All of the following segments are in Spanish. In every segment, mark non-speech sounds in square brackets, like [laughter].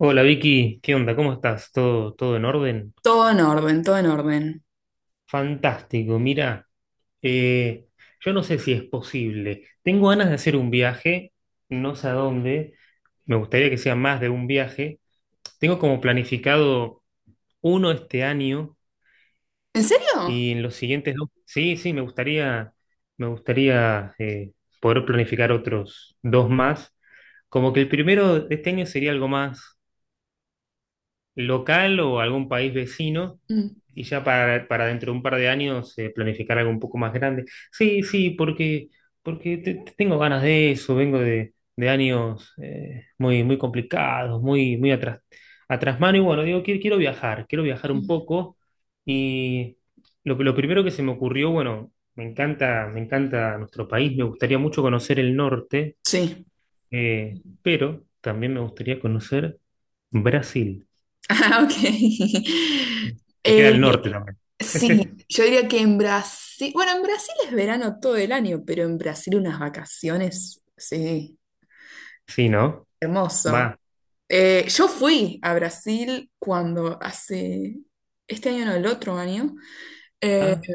Hola Vicky, ¿qué onda? ¿Cómo estás? ¿Todo en orden? Todo en orden, todo en orden. Fantástico, mira, eh, yo no sé si es posible. Tengo ganas de hacer un viaje, no sé a dónde, me gustaría que sea más de un viaje. Tengo como planificado uno este año ¿En serio? y en los siguientes dos, sí, sí, me gustaría, me gustaría, poder planificar otros dos más. Como que el primero de este año sería algo más local o algún país vecino Mm. y ya para dentro de un par de años planificar algo un poco más grande. Sí, sí, porque te tengo ganas de eso, vengo de años muy, muy complicados, muy, muy atrás, atrás mano. Y bueno, digo, quiero, quiero viajar un Sí. poco. Y lo primero que se me ocurrió, bueno, me encanta nuestro país, me gustaría mucho conocer el norte, Sí. Pero también me gustaría conocer Brasil, Ah, ok. [laughs] que queda Eh, al norte también. sí, yo diría que en Brasil, bueno, en Brasil es verano todo el año, pero en Brasil unas vacaciones, sí, Sí, ¿no? hermoso. Va. Yo fui a Brasil este año no, el otro año, eh, Ah,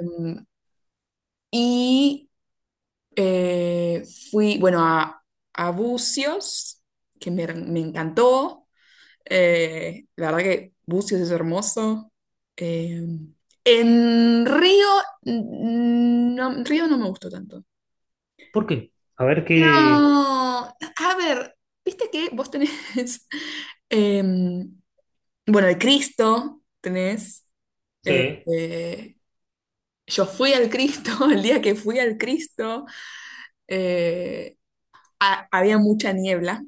y eh, fui, bueno, a Búzios, que me encantó. La verdad que Bucios es hermoso. Eh, en Río, no, Río no me gustó tanto. ¿por qué? A ver qué. No, a ver, viste que vos tenés, [laughs] em, bueno, el Cristo tenés. eh, Sí. eh, yo fui al Cristo. [laughs] El día que fui al Cristo, eh, había mucha niebla,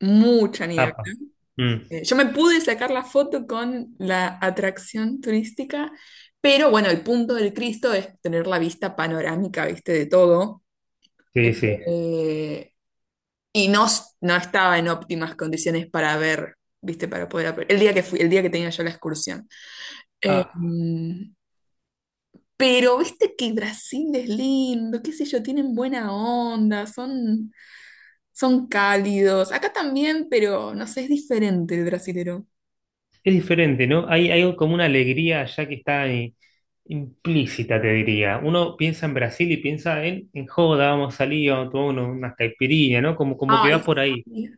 mucha niebla. Apa. Mm, Yo me pude sacar la foto con la atracción turística, pero bueno, el punto del Cristo es tener la vista panorámica, viste, de todo. sí, sí. Eh, y no, no estaba en óptimas condiciones para ver, viste, para poder el día que fui, el día que tenía yo la excursión. Eh, Ah, mm, pero viste que Brasil es lindo, qué sé yo, tienen buena onda, son, son cálidos. Acá también, pero no sé, es diferente el brasilero. es diferente, ¿no? Hay como una alegría allá que está ahí, implícita, te diría. Uno piensa en Brasil y piensa en joda, vamos a salir, vamos a tomar unas caipirinhas, ¿no? Como, como que Ay, va por ahí. sí,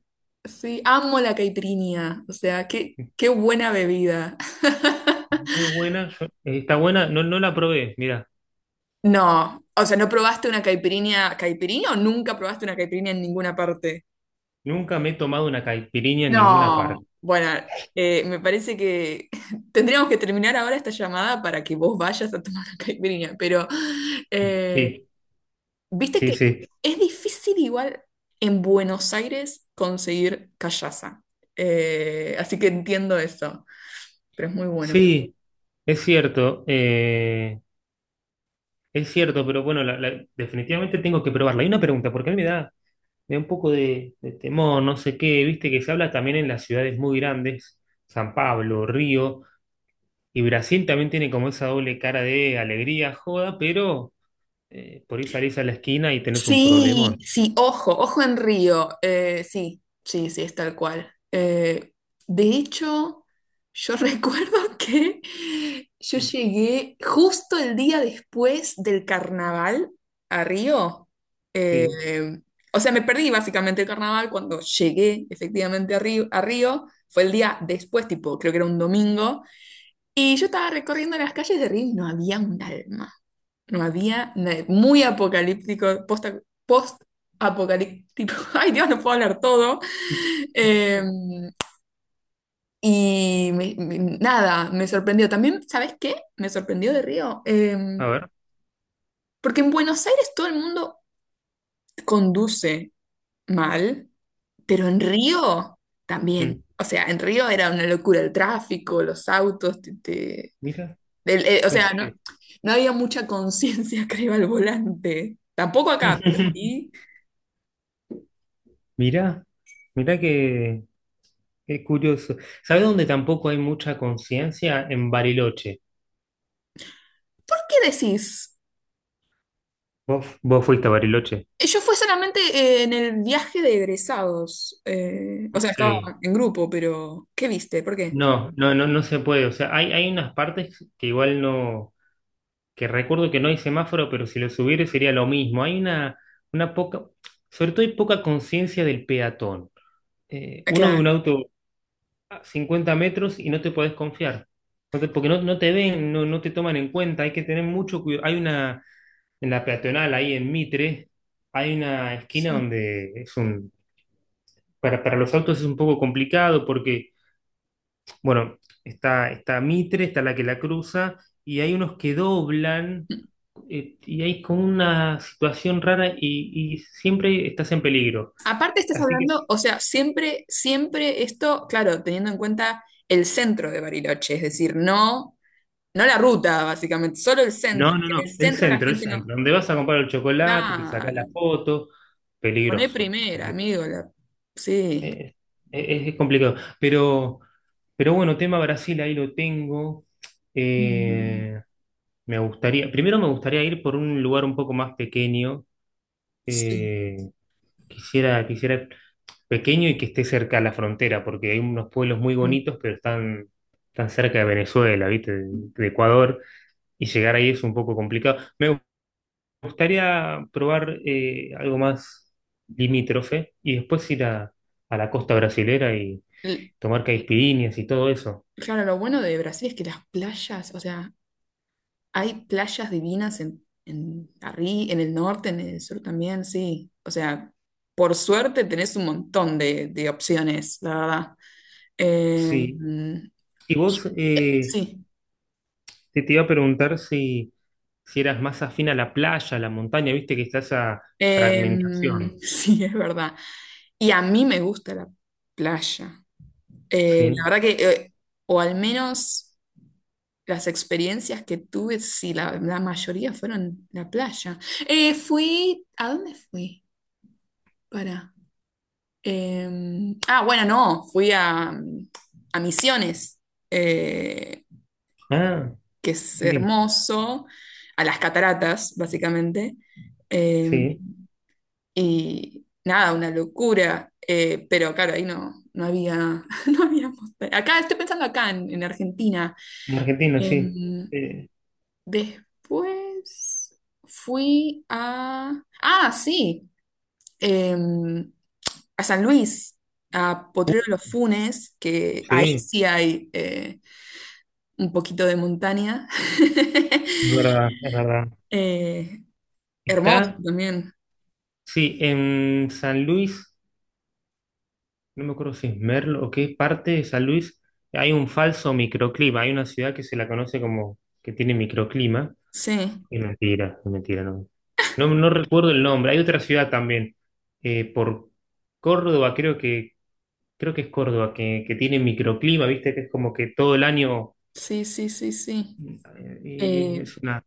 sí, amo la caipirinha. O sea, qué buena bebida. [laughs] Muy buena, yo, está buena, no, no la probé, mira. No, o sea, ¿no probaste una caipirinha o nunca probaste una caipirinha en ninguna parte? Nunca me he tomado una caipirinha en ninguna parte. No, bueno, me parece que [laughs] tendríamos que terminar ahora esta llamada para que vos vayas a tomar una caipirinha, pero eh, Sí, viste sí, que sí. es difícil igual en Buenos Aires conseguir callaza. Así que entiendo eso, pero es muy bueno. Sí, es cierto. Es cierto, pero bueno, definitivamente tengo que probarla. Hay una pregunta, porque a mí me da un poco de temor, no sé qué, viste que se habla también en las ciudades muy grandes, San Pablo, Río, y Brasil también tiene como esa doble cara de alegría, joda, pero por ahí salís a la esquina y tenés un problemón. Sí, sí, ojo, ojo en Río. Sí, sí, sí, es tal cual. De hecho, yo [laughs] recuerdo que yo llegué justo el día después del carnaval a Río. Eh, Sí, o sea, me perdí básicamente el carnaval cuando llegué efectivamente a Río, a Río. Fue el día después, tipo, creo que era un domingo. Y yo estaba recorriendo las calles de Río y no había un alma. No había muy apocalíptico, post-apocalíptico. [laughs] Ay, Dios, no puedo hablar todo. sí. Eh, y nada, me sorprendió. También, ¿sabes qué? Me sorprendió de Río. A ver. Porque en Buenos Aires todo el mundo conduce mal, pero en Río Mm, también. O sea, en Río era una locura el tráfico, los autos, mira, o en sea, no, serio. no había mucha conciencia, [laughs] creo, al volante. Tampoco acá, pero [laughs] sí. Mira, mira que, qué curioso. ¿Sabés dónde tampoco hay mucha conciencia? En Bariloche. ¿Qué decís? ¿Vos, vos fuiste a Bariloche? Yo fue solamente en el viaje de egresados. Eh, o sea, Ok. estaba en grupo, pero ¿qué viste? ¿Por qué? No, no, no, no se puede. O sea, hay unas partes que igual no, que recuerdo que no hay semáforo, pero si lo subiera sería lo mismo. Hay una poca, sobre todo hay poca conciencia del peatón. Ah, Uno ve claro. un auto a 50 metros y no te podés confiar. Porque no, no te ven, no, no te toman en cuenta, hay que tener mucho cuidado. Hay una, en la peatonal, ahí en Mitre, hay una esquina donde es un, para los autos es un poco complicado porque bueno, está, está Mitre, está la que la cruza, y hay unos que doblan, y hay como una situación rara y siempre estás en peligro. Aparte estás Así que hablando, sí. o sea, siempre, siempre esto, claro, teniendo en cuenta el centro de Bariloche, es decir, no, no la ruta, básicamente, solo el centro. No, no, Que en no. el El centro la centro, el gente no. centro. Donde vas a comprar el chocolate, te sacas Claro. la foto. Poné Peligroso. primera, amigo. Sí. eh, es complicado. Pero bueno, tema Brasil, ahí lo tengo. Mm, Eh, me gustaría, primero me gustaría ir por un lugar un poco más pequeño. Sí. Eh, quisiera, quisiera pequeño y que esté cerca a la frontera, porque hay unos pueblos muy Mm. bonitos, pero están, tan cerca de Venezuela, ¿viste? De Ecuador, y llegar ahí es un poco complicado. Me gustaría probar algo más limítrofe y después ir a la costa brasilera y L- tomar caipirinhas y todo eso. Claro, lo bueno de Brasil es que las playas, o sea, hay playas divinas en, en el norte, en el sur también, sí. O sea, por suerte tenés un montón de opciones, la verdad. Eh, Sí. Y y- vos sí, te, te iba a preguntar si, si eras más afín a la playa, a la montaña, viste que está esa eh, [laughs] fragmentación. sí, es verdad. Y a mí me gusta la playa. La Sí. verdad que, o al menos las experiencias que tuve, sí, la mayoría fueron la playa. Fui, ¿a dónde fui? Para. Ah, bueno, no, fui a Misiones, eh, Ah, que es qué lindo. hermoso, a las cataratas, básicamente. Em, Sí. y nada, una locura. Pero claro, ahí no, no había, [laughs] no había montaña. Acá, estoy pensando acá en Argentina. En Argentina, sí. Em, Eh, Después fui a... Ah, sí. em, a San Luis, a uh, Potrero de los Funes, que ahí sí, sí hay un poquito de montaña. [laughs] es verdad, es verdad. Eh, hermoso Está, también. sí, en San Luis, no me acuerdo si es Merlo o qué parte de San Luis, hay un falso microclima. Hay una ciudad que se la conoce como que tiene microclima. Sí, Es mentira, no. No, no recuerdo el nombre. Hay otra ciudad también, por Córdoba, creo que es Córdoba, que tiene microclima, viste, que es como que todo el año sí, sí, sí, sí. eh, Eh, es una,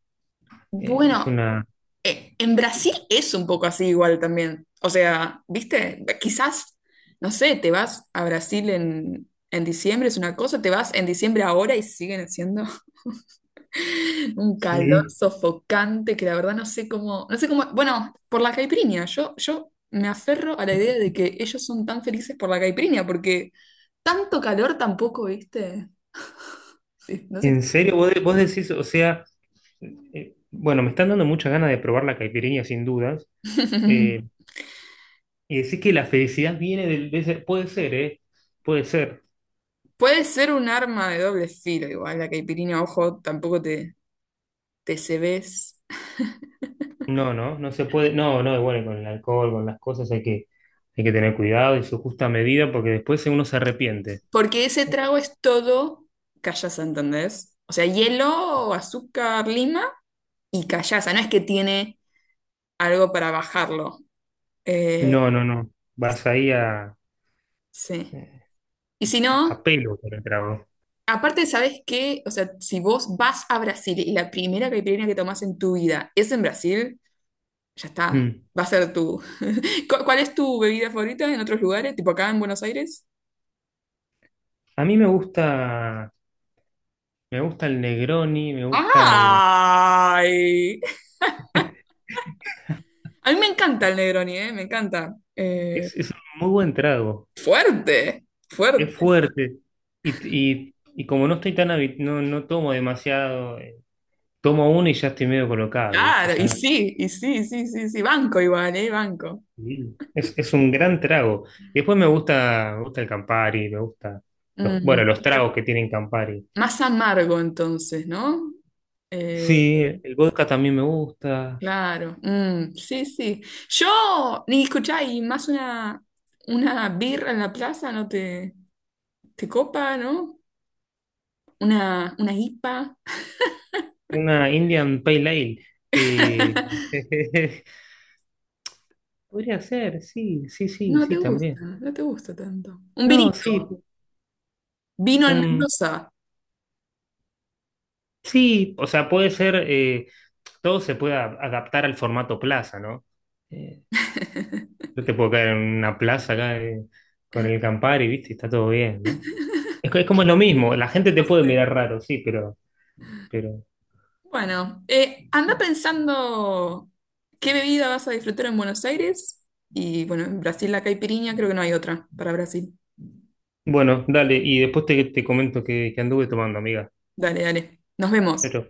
eh, es bueno, una, en Brasil es un poco así igual también. O sea, ¿viste? Quizás, no sé, te vas a Brasil en diciembre, es una cosa, te vas en diciembre ahora y siguen siendo [laughs] un calor sí. sofocante que la verdad no sé cómo, no sé cómo, bueno, por la caipirinha, yo me aferro a la idea de que ellos son tan felices por la caipirinha, porque tanto calor tampoco, ¿viste? Sí, no sé. En serio, vos, vos decís, o sea, bueno, me están dando muchas ganas de probar la caipirinha sin dudas, eh, [laughs] y decís que la felicidad viene del, puede ser, ¿eh? Puede ser. Puede ser un arma de doble filo, igual la caipirinha, ojo, tampoco te, TCBs, No, no, no se puede, no, no, igual con el alcohol, con las cosas hay que tener cuidado y su justa medida porque después uno se arrepiente. porque ese trago es todo callaza, ¿entendés? O sea, hielo, azúcar, lima y callaza, no es que tiene algo para bajarlo. Eh, No, no, no, es- vas ahí sí. eh, Y si a no, pelo con el trago. aparte, ¿sabes qué? O sea, si vos vas a Brasil y la primera caipirinha que tomás en tu vida es en Brasil, ya está. Mm. Va a ser tu. [laughs] ¿Cuál es tu bebida favorita en otros lugares? Tipo acá en Buenos Aires. A mí me gusta el Negroni, me gustan, ¡Ay! [laughs] A mí me encanta el Negroni, ¿eh? Me encanta. Es un muy buen trago. Fuerte, Es fuerte. fuerte. Y, y como no estoy tan no, no tomo demasiado, tomo uno y ya estoy medio colocado, ¿viste? Claro, Ya. Y sí, sí, sí, sí, banco igual, ¿eh? Banco. Sí. Es un gran trago. Y después me gusta el Campari, me gusta los, Mm, bueno, los claro. tragos que tienen Campari. Más amargo entonces, ¿no? Eh, Sí, el vodka también me gusta. claro, mm, sí, sí. Yo, ni escuchá, y más una birra en la plaza no te, te copa, ¿no? Una IPA. Una Indian Pale Ale. eh, [laughs] [laughs] Podría ser, sí, sí, sí, No te sí, gusta, también. no te gusta tanto. Un No, sí, vinito, vino en un Mendoza. sí, o sea, puede ser, todo se puede adaptar al formato plaza, ¿no? Eh, yo te puedo caer en una plaza acá con el Campari, ¿viste? Y está todo bien, ¿no? Es, es como lo mismo, la gente te puede mirar raro, sí, pero... Bueno, anda pensando qué bebida vas a disfrutar en Buenos Aires. Y bueno, en Brasil la caipirinha, creo que no hay otra para Brasil. Bueno, dale, y después te, te comento que anduve tomando, amiga. Dale, dale. Nos Chau, vemos. chau.